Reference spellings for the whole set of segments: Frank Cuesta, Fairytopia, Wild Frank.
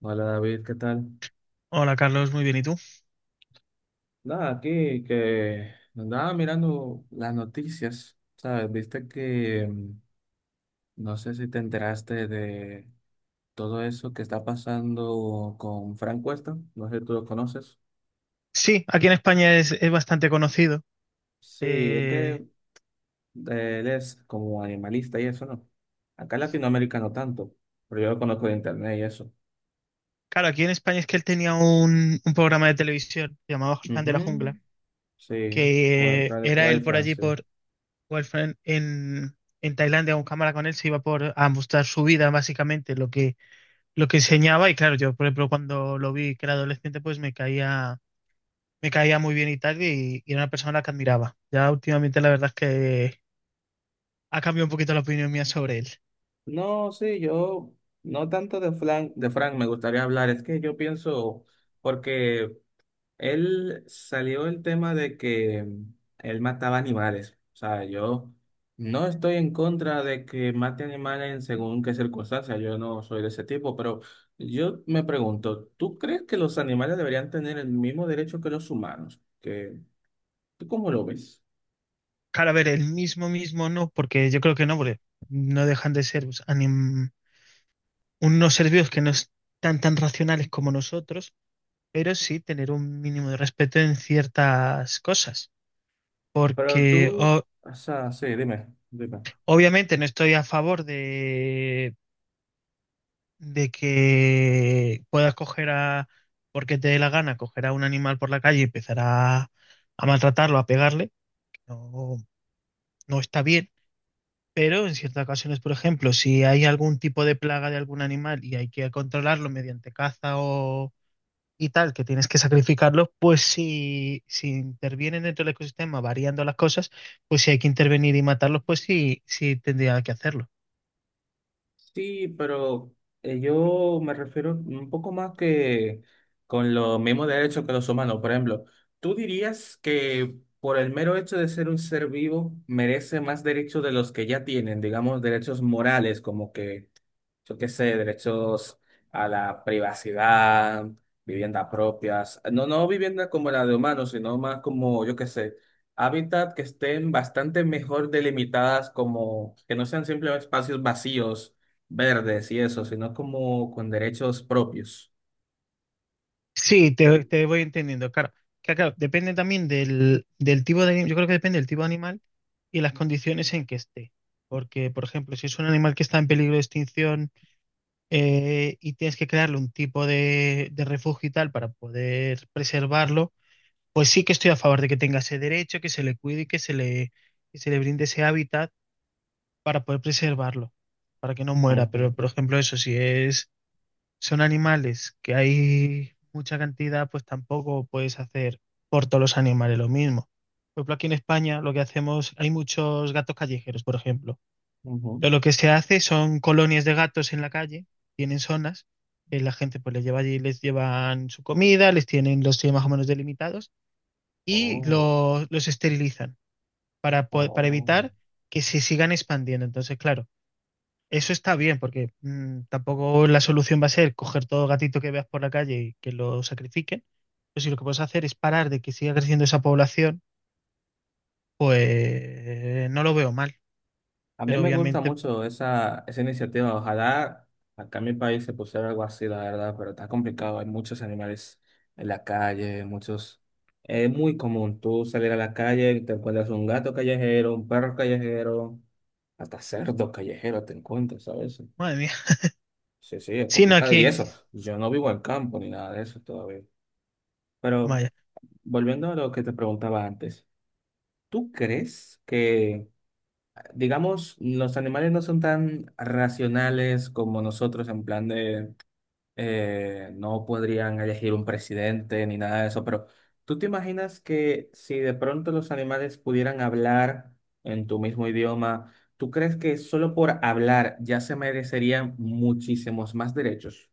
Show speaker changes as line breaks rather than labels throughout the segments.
Hola David, ¿qué tal?
Hola Carlos, muy bien. ¿Y tú?
Nada, aquí que andaba mirando las noticias, ¿sabes? Viste que no sé si te enteraste de todo eso que está pasando con Frank Cuesta, no sé si tú lo conoces.
Sí, aquí en España es bastante conocido.
Sí, es
Eh,
que él es como animalista y eso, ¿no? Acá en Latinoamérica no tanto, pero yo lo conozco de internet y eso.
claro, aquí en España es que él tenía un programa de televisión llamado Fan de la
Ujú.
Jungla,
Sí,
que
Wild,
era él
Wild
por
Frank,
allí,
sí.
por Wolfram, en Tailandia, con cámara con él, se iba por a mostrar su vida, básicamente, lo que enseñaba. Y claro, yo, por ejemplo, cuando lo vi que era adolescente, pues me caía muy bien y tal, y era una persona a la que admiraba. Ya últimamente la verdad es que ha cambiado un poquito la opinión mía sobre él.
No, sí, yo no tanto de Frank me gustaría hablar. Es que yo pienso, porque él salió el tema de que él mataba animales. O sea, yo no estoy en contra de que mate animales en según qué circunstancias. Yo no soy de ese tipo, pero yo me pregunto, ¿tú crees que los animales deberían tener el mismo derecho que los humanos? Que, ¿tú cómo lo ves?
Claro, a ver, el mismo mismo no, porque yo creo que no, porque no dejan de ser pues, unos seres vivos que no están tan racionales como nosotros, pero sí tener un mínimo de respeto en ciertas cosas.
Pero
Porque
tú, o sea, sí, dime.
obviamente no estoy a favor de que puedas coger a, porque te dé la gana, coger a un animal por la calle y empezar a maltratarlo, a pegarle, que no, no está bien. Pero en ciertas ocasiones, por ejemplo, si hay algún tipo de plaga de algún animal y hay que controlarlo mediante caza o y tal, que tienes que sacrificarlo, pues si intervienen dentro del ecosistema variando las cosas, pues si hay que intervenir y matarlos, pues sí tendría que hacerlo.
Sí, pero yo me refiero un poco más que con los mismos derechos que los humanos. Por ejemplo, ¿tú dirías que por el mero hecho de ser un ser vivo merece más derechos de los que ya tienen, digamos, derechos morales, como que yo qué sé, derechos a la privacidad, viviendas propias, no, no vivienda como la de humanos, sino más como, yo qué sé, hábitat que estén bastante mejor delimitadas, como que no sean simplemente espacios vacíos, verdes y eso, sino como con derechos propios.
Sí, te voy entendiendo, claro. Claro, depende también del tipo de, yo creo que depende del tipo de animal y las condiciones en que esté. Porque, por ejemplo, si es un animal que está en peligro de extinción y tienes que crearle un tipo de refugio y tal para poder preservarlo, pues sí que estoy a favor de que tenga ese derecho, que se le cuide y que se le brinde ese hábitat para poder preservarlo, para que no muera.
Ujú,
Pero, por ejemplo, eso, si es, son animales que hay mucha cantidad, pues tampoco puedes hacer por todos los animales lo mismo. Por ejemplo, aquí en España lo que hacemos, hay muchos gatos callejeros, por ejemplo,
ujú.
pero lo que se hace son colonias de gatos en la calle, tienen zonas, que la gente pues les lleva allí, les llevan su comida, los tienen más o menos delimitados y
Oh,
los esterilizan para, para
oh.
evitar que se sigan expandiendo. Entonces, claro, eso está bien porque tampoco la solución va a ser coger todo gatito que veas por la calle y que lo sacrifiquen. Pero si lo que puedes hacer es parar de que siga creciendo esa población, pues no lo veo mal.
A mí
Pero
me gusta
obviamente,
mucho esa iniciativa. Ojalá acá en mi país se pusiera algo así, la verdad, pero está complicado. Hay muchos animales en la calle, muchos... Es muy común tú salir a la calle y te encuentras un gato callejero, un perro callejero, hasta cerdo callejero te encuentras, ¿sabes?
madre mía,
Sí, sí, es
si no
complicado. Y
aquí,
eso, yo no vivo en campo ni nada de eso todavía. Pero
vaya.
volviendo a lo que te preguntaba antes, ¿tú crees que... digamos, los animales no son tan racionales como nosotros en plan de no podrían elegir un presidente ni nada de eso, pero ¿tú te imaginas que si de pronto los animales pudieran hablar en tu mismo idioma, ¿tú crees que solo por hablar ya se merecerían muchísimos más derechos?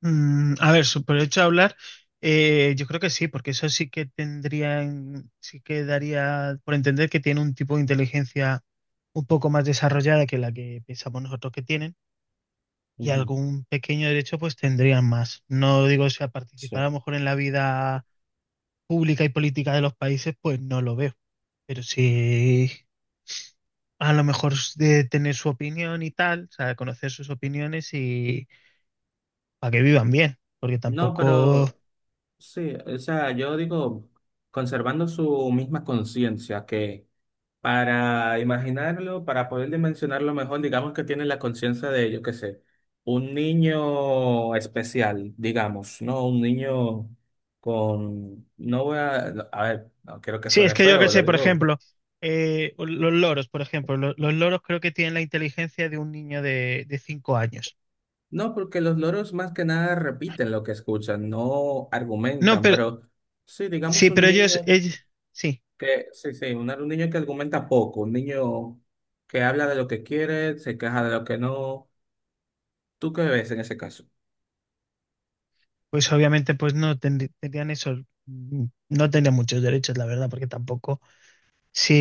A ver, por el hecho de hablar, yo creo que sí, porque eso sí que tendría, sí que daría por entender que tiene un tipo de inteligencia un poco más desarrollada que la que pensamos nosotros que tienen, y
Ujú.
algún pequeño derecho pues tendrían más. No digo, o sea, participar
Sí.
a lo mejor en la vida pública y política de los países, pues no lo veo, pero sí a lo mejor de tener su opinión y tal, o sea, conocer sus opiniones y para que vivan bien, porque
No,
tampoco...
pero sí, o sea, yo digo, conservando su misma conciencia que... Para imaginarlo, para poder dimensionarlo mejor, digamos que tiene la conciencia de, yo qué sé, un niño especial, digamos, ¿no? Un niño con... No voy a... no, a ver, no quiero que
Sí, es
suene
que yo qué
feo, lo
sé, por
digo.
ejemplo, los loros, por ejemplo, loros creo que tienen la inteligencia de un niño de, 5 años.
No, porque los loros más que nada repiten lo que escuchan, no
No,
argumentan,
pero
pero sí, digamos
sí,
un
pero ellos,
niño
ellos, sí,
que... Sí, sí, un niño que argumenta poco, un niño que habla de lo que quiere, se queja de lo que no. ¿Tú qué ves en ese caso?
pues obviamente pues no tendrí- tendrían esos, no tendrían muchos derechos, la verdad, porque tampoco, si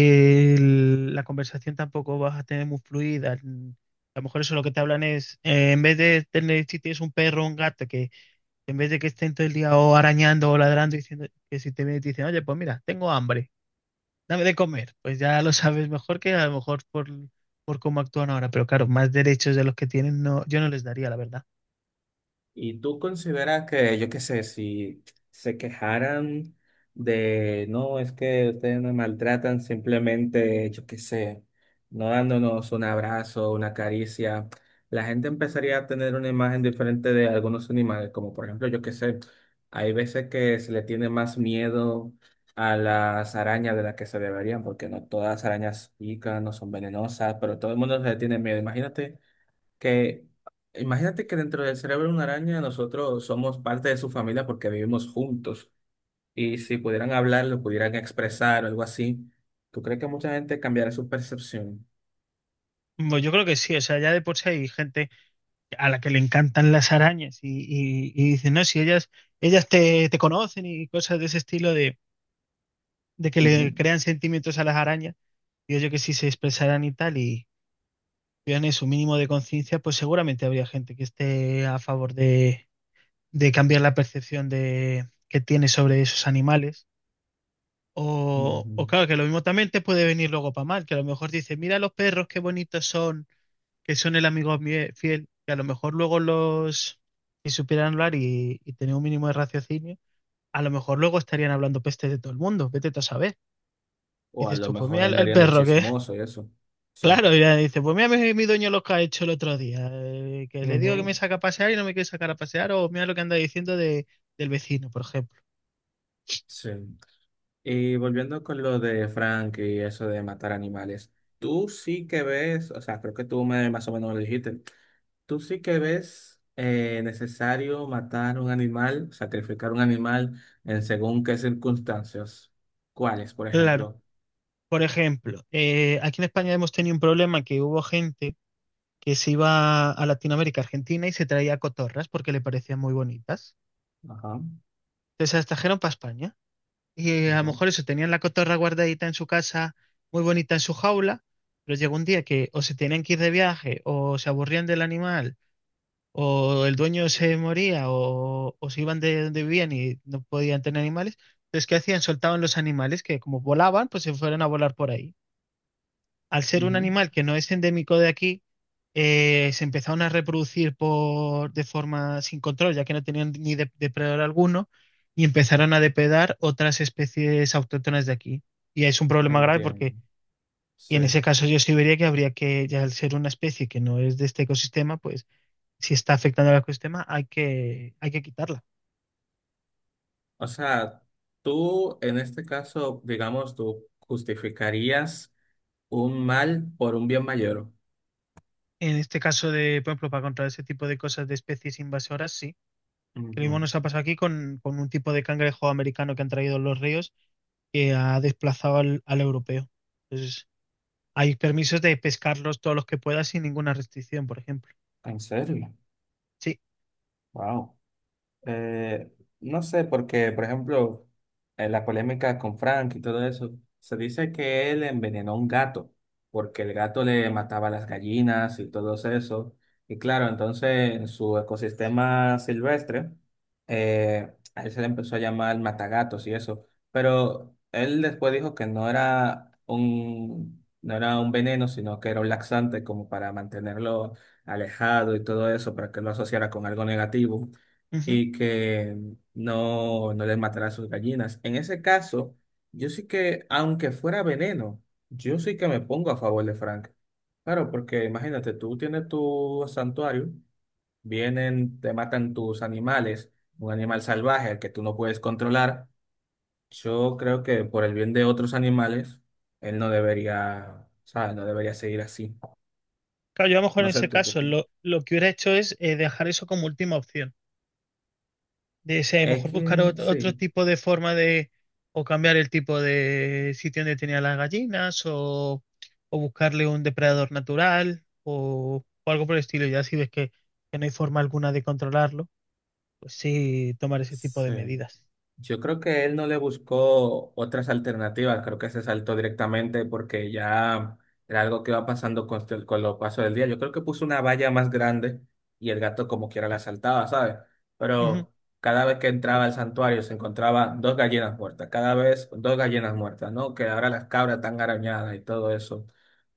la conversación tampoco vas a tener muy fluida, a lo mejor eso lo que te hablan es, en vez de tener, si tienes un perro o un gato, que en vez de que estén todo el día o arañando o ladrando, diciendo que si te vienen y te dicen, oye, pues mira, tengo hambre, dame de comer. Pues ya lo sabes mejor que a lo mejor por cómo actúan ahora, pero claro, más derechos de los que tienen, no, yo no les daría, la verdad.
¿Y tú consideras que, yo qué sé, si se quejaran de, no, es que ustedes me maltratan, simplemente, yo qué sé, no dándonos un abrazo, una caricia, la gente empezaría a tener una imagen diferente de algunos animales, como por ejemplo, yo qué sé, hay veces que se le tiene más miedo a las arañas de las que se deberían, porque no todas las arañas pican, no son venenosas, pero todo el mundo se le tiene miedo. Imagínate que dentro del cerebro de una araña nosotros somos parte de su familia porque vivimos juntos y si pudieran hablar, lo pudieran expresar o algo así, ¿tú crees que mucha gente cambiará su percepción?
Bueno, yo creo que sí, o sea, ya de por sí hay gente a la que le encantan las arañas y dicen, no, si ellas te conocen y cosas de ese estilo de que le
Ujú,
crean sentimientos a las arañas, digo yo que si se expresaran y tal y tuvieran su mínimo de conciencia, pues seguramente habría gente que esté a favor de cambiar la percepción de, que tiene sobre esos animales. O
ujú.
claro, que lo mismo también te puede venir luego para mal, que a lo mejor dices, mira los perros, qué bonitos son, que son el amigo fiel, que a lo mejor luego los, si supieran hablar y tener un mínimo de raciocinio, a lo mejor luego estarían hablando peste de todo el mundo, vete tú a saber. Y
O a
dices
lo
tú, pues
mejor
mira el
andarían de
perro que,
chismoso y eso. Sí.
claro, y ya dice, pues mira mi dueño lo que ha hecho el otro día, que le digo que me
Ujú.
saca a pasear y no me quiere sacar a pasear, o mira lo que anda diciendo de, del vecino, por ejemplo.
Sí. Y volviendo con lo de Frank y eso de matar animales, tú sí que ves, o sea, creo que tú me, más o menos me lo dijiste, ¿tú sí que ves necesario matar un animal, sacrificar un animal en según qué circunstancias? ¿Cuáles, por
Claro.
ejemplo?
Por ejemplo, aquí en España hemos tenido un problema que hubo gente que se iba a Latinoamérica, Argentina, y se traía cotorras porque le parecían muy bonitas.
Ajá,
Entonces se las trajeron para España. Y a lo
ajá,
mejor eso, tenían la cotorra guardadita en su casa, muy bonita en su jaula, pero llegó un día que o se tenían que ir de viaje, o se aburrían del animal, o el dueño se moría, o se iban de donde vivían y no podían tener animales. Entonces, ¿qué hacían? Soltaban los animales que como volaban, pues se fueron a volar por ahí. Al ser un
ujú.
animal que no es endémico de aquí, se empezaron a reproducir por, de forma sin control, ya que no tenían ni depredador alguno, y empezaron a depredar otras especies autóctonas de aquí. Y es un problema grave porque,
Entiendo.
y en
Sí.
ese caso yo sí vería que habría que, ya al ser una especie que no es de este ecosistema, pues si está afectando al ecosistema hay que quitarla.
O sea, tú en este caso, digamos, tú justificarías un mal por un bien mayor.
En este caso de, por ejemplo, para controlar ese tipo de cosas de especies invasoras, sí. Que lo mismo
Ujú.
nos ha pasado aquí con un tipo de cangrejo americano que han traído los ríos que ha desplazado al, al europeo. Entonces, hay permisos de pescarlos todos los que puedas sin ninguna restricción, por ejemplo.
¿En serio?
Sí.
Wow. Eh, no sé, porque, por ejemplo, en la polémica con Frank y todo eso, se dice que él envenenó a un gato, porque el gato le mataba las gallinas y todo eso. Y claro, entonces en su ecosistema silvestre, a él se le empezó a llamar matagatos y eso. Pero él después dijo que no era un veneno, sino que era un laxante como para mantenerlo alejado y todo eso, para que lo asociara con algo negativo
Ujú.
y que no les matara a sus gallinas. En ese caso, yo sí que, aunque fuera veneno, yo sí que me pongo a favor de Frank. Claro, porque imagínate, tú tienes tu santuario, vienen, te matan tus animales, un animal salvaje al que tú no puedes controlar. Yo creo que por el bien de otros animales, él no debería, ¿sabes? No debería seguir así.
Claro, yo a lo mejor
No
en
sé
ese
tú qué
caso
opinas.
lo que hubiera hecho es dejar eso como última opción. De, o sea, a lo
Es
mejor buscar
que
otro
sí.
tipo de forma de, o cambiar el tipo de sitio donde tenía las gallinas, o buscarle un depredador natural, o algo por el estilo. Ya si ves que no hay forma alguna de controlarlo, pues sí, tomar ese tipo de
Sí.
medidas.
Yo creo que él no le buscó otras alternativas, creo que se saltó directamente porque ya era algo que iba pasando con, el- con los pasos del día. Yo creo que puso una valla más grande y el gato como quiera la saltaba, ¿sabes?
Ujú.
Pero cada vez que entraba al santuario se encontraba dos gallinas muertas, cada vez dos gallinas muertas, ¿no? Que ahora las cabras están arañadas y todo eso.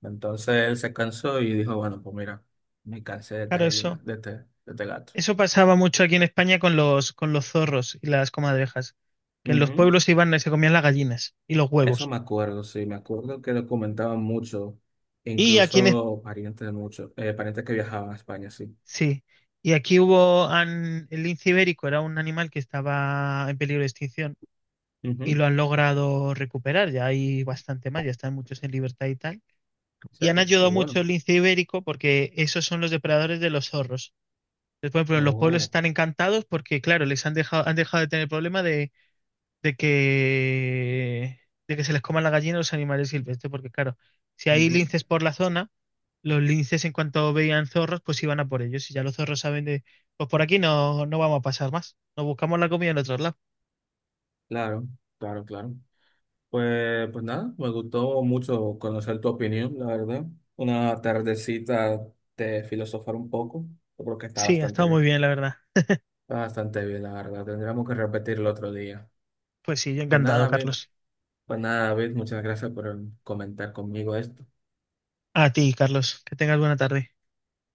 Entonces él se cansó y dijo, bueno, pues mira, me cansé de esta
Claro,
gallina,
eso.
de este gato.
Eso pasaba mucho aquí en España con los zorros y las comadrejas, que en los
Ujú.
pueblos se iban y se comían las gallinas y los
Eso
huevos.
me acuerdo, sí, me acuerdo que lo comentaban mucho,
Y aquí en,
incluso parientes de muchos, parientes que viajaban a España, sí.
sí, y aquí hubo, el lince ibérico era un animal que estaba en peligro de extinción
Ujú,
y lo
en
han logrado recuperar, ya hay bastante más, ya están muchos en libertad y tal. Y han
serio,
ayudado
pero
mucho
bueno.
el lince ibérico porque esos son los depredadores de los zorros. Entonces, por ejemplo, los pueblos
Oh,
están encantados porque, claro, les han dejado de tener el problema de que, de que se les coman la gallina a los animales silvestres, porque claro, si hay
ujú,
linces por la zona, los linces en cuanto veían zorros, pues iban a por ellos, y ya los zorros saben de, pues por aquí no, no vamos a pasar más, nos buscamos la comida en otro lado.
claro, claro, claro. Pues, pues nada, me gustó mucho conocer tu opinión, la verdad. Una tardecita de filosofar un poco, yo creo que está
Sí, ha
bastante
estado muy
bien.
bien, la verdad.
Está bastante bien, la verdad. Tendríamos que repetirlo otro día.
Pues sí, yo
Pues nada,
encantado,
David,
Carlos.
pues nada, David, muchas gracias por comentar conmigo esto.
A ti, Carlos, que tengas buena tarde.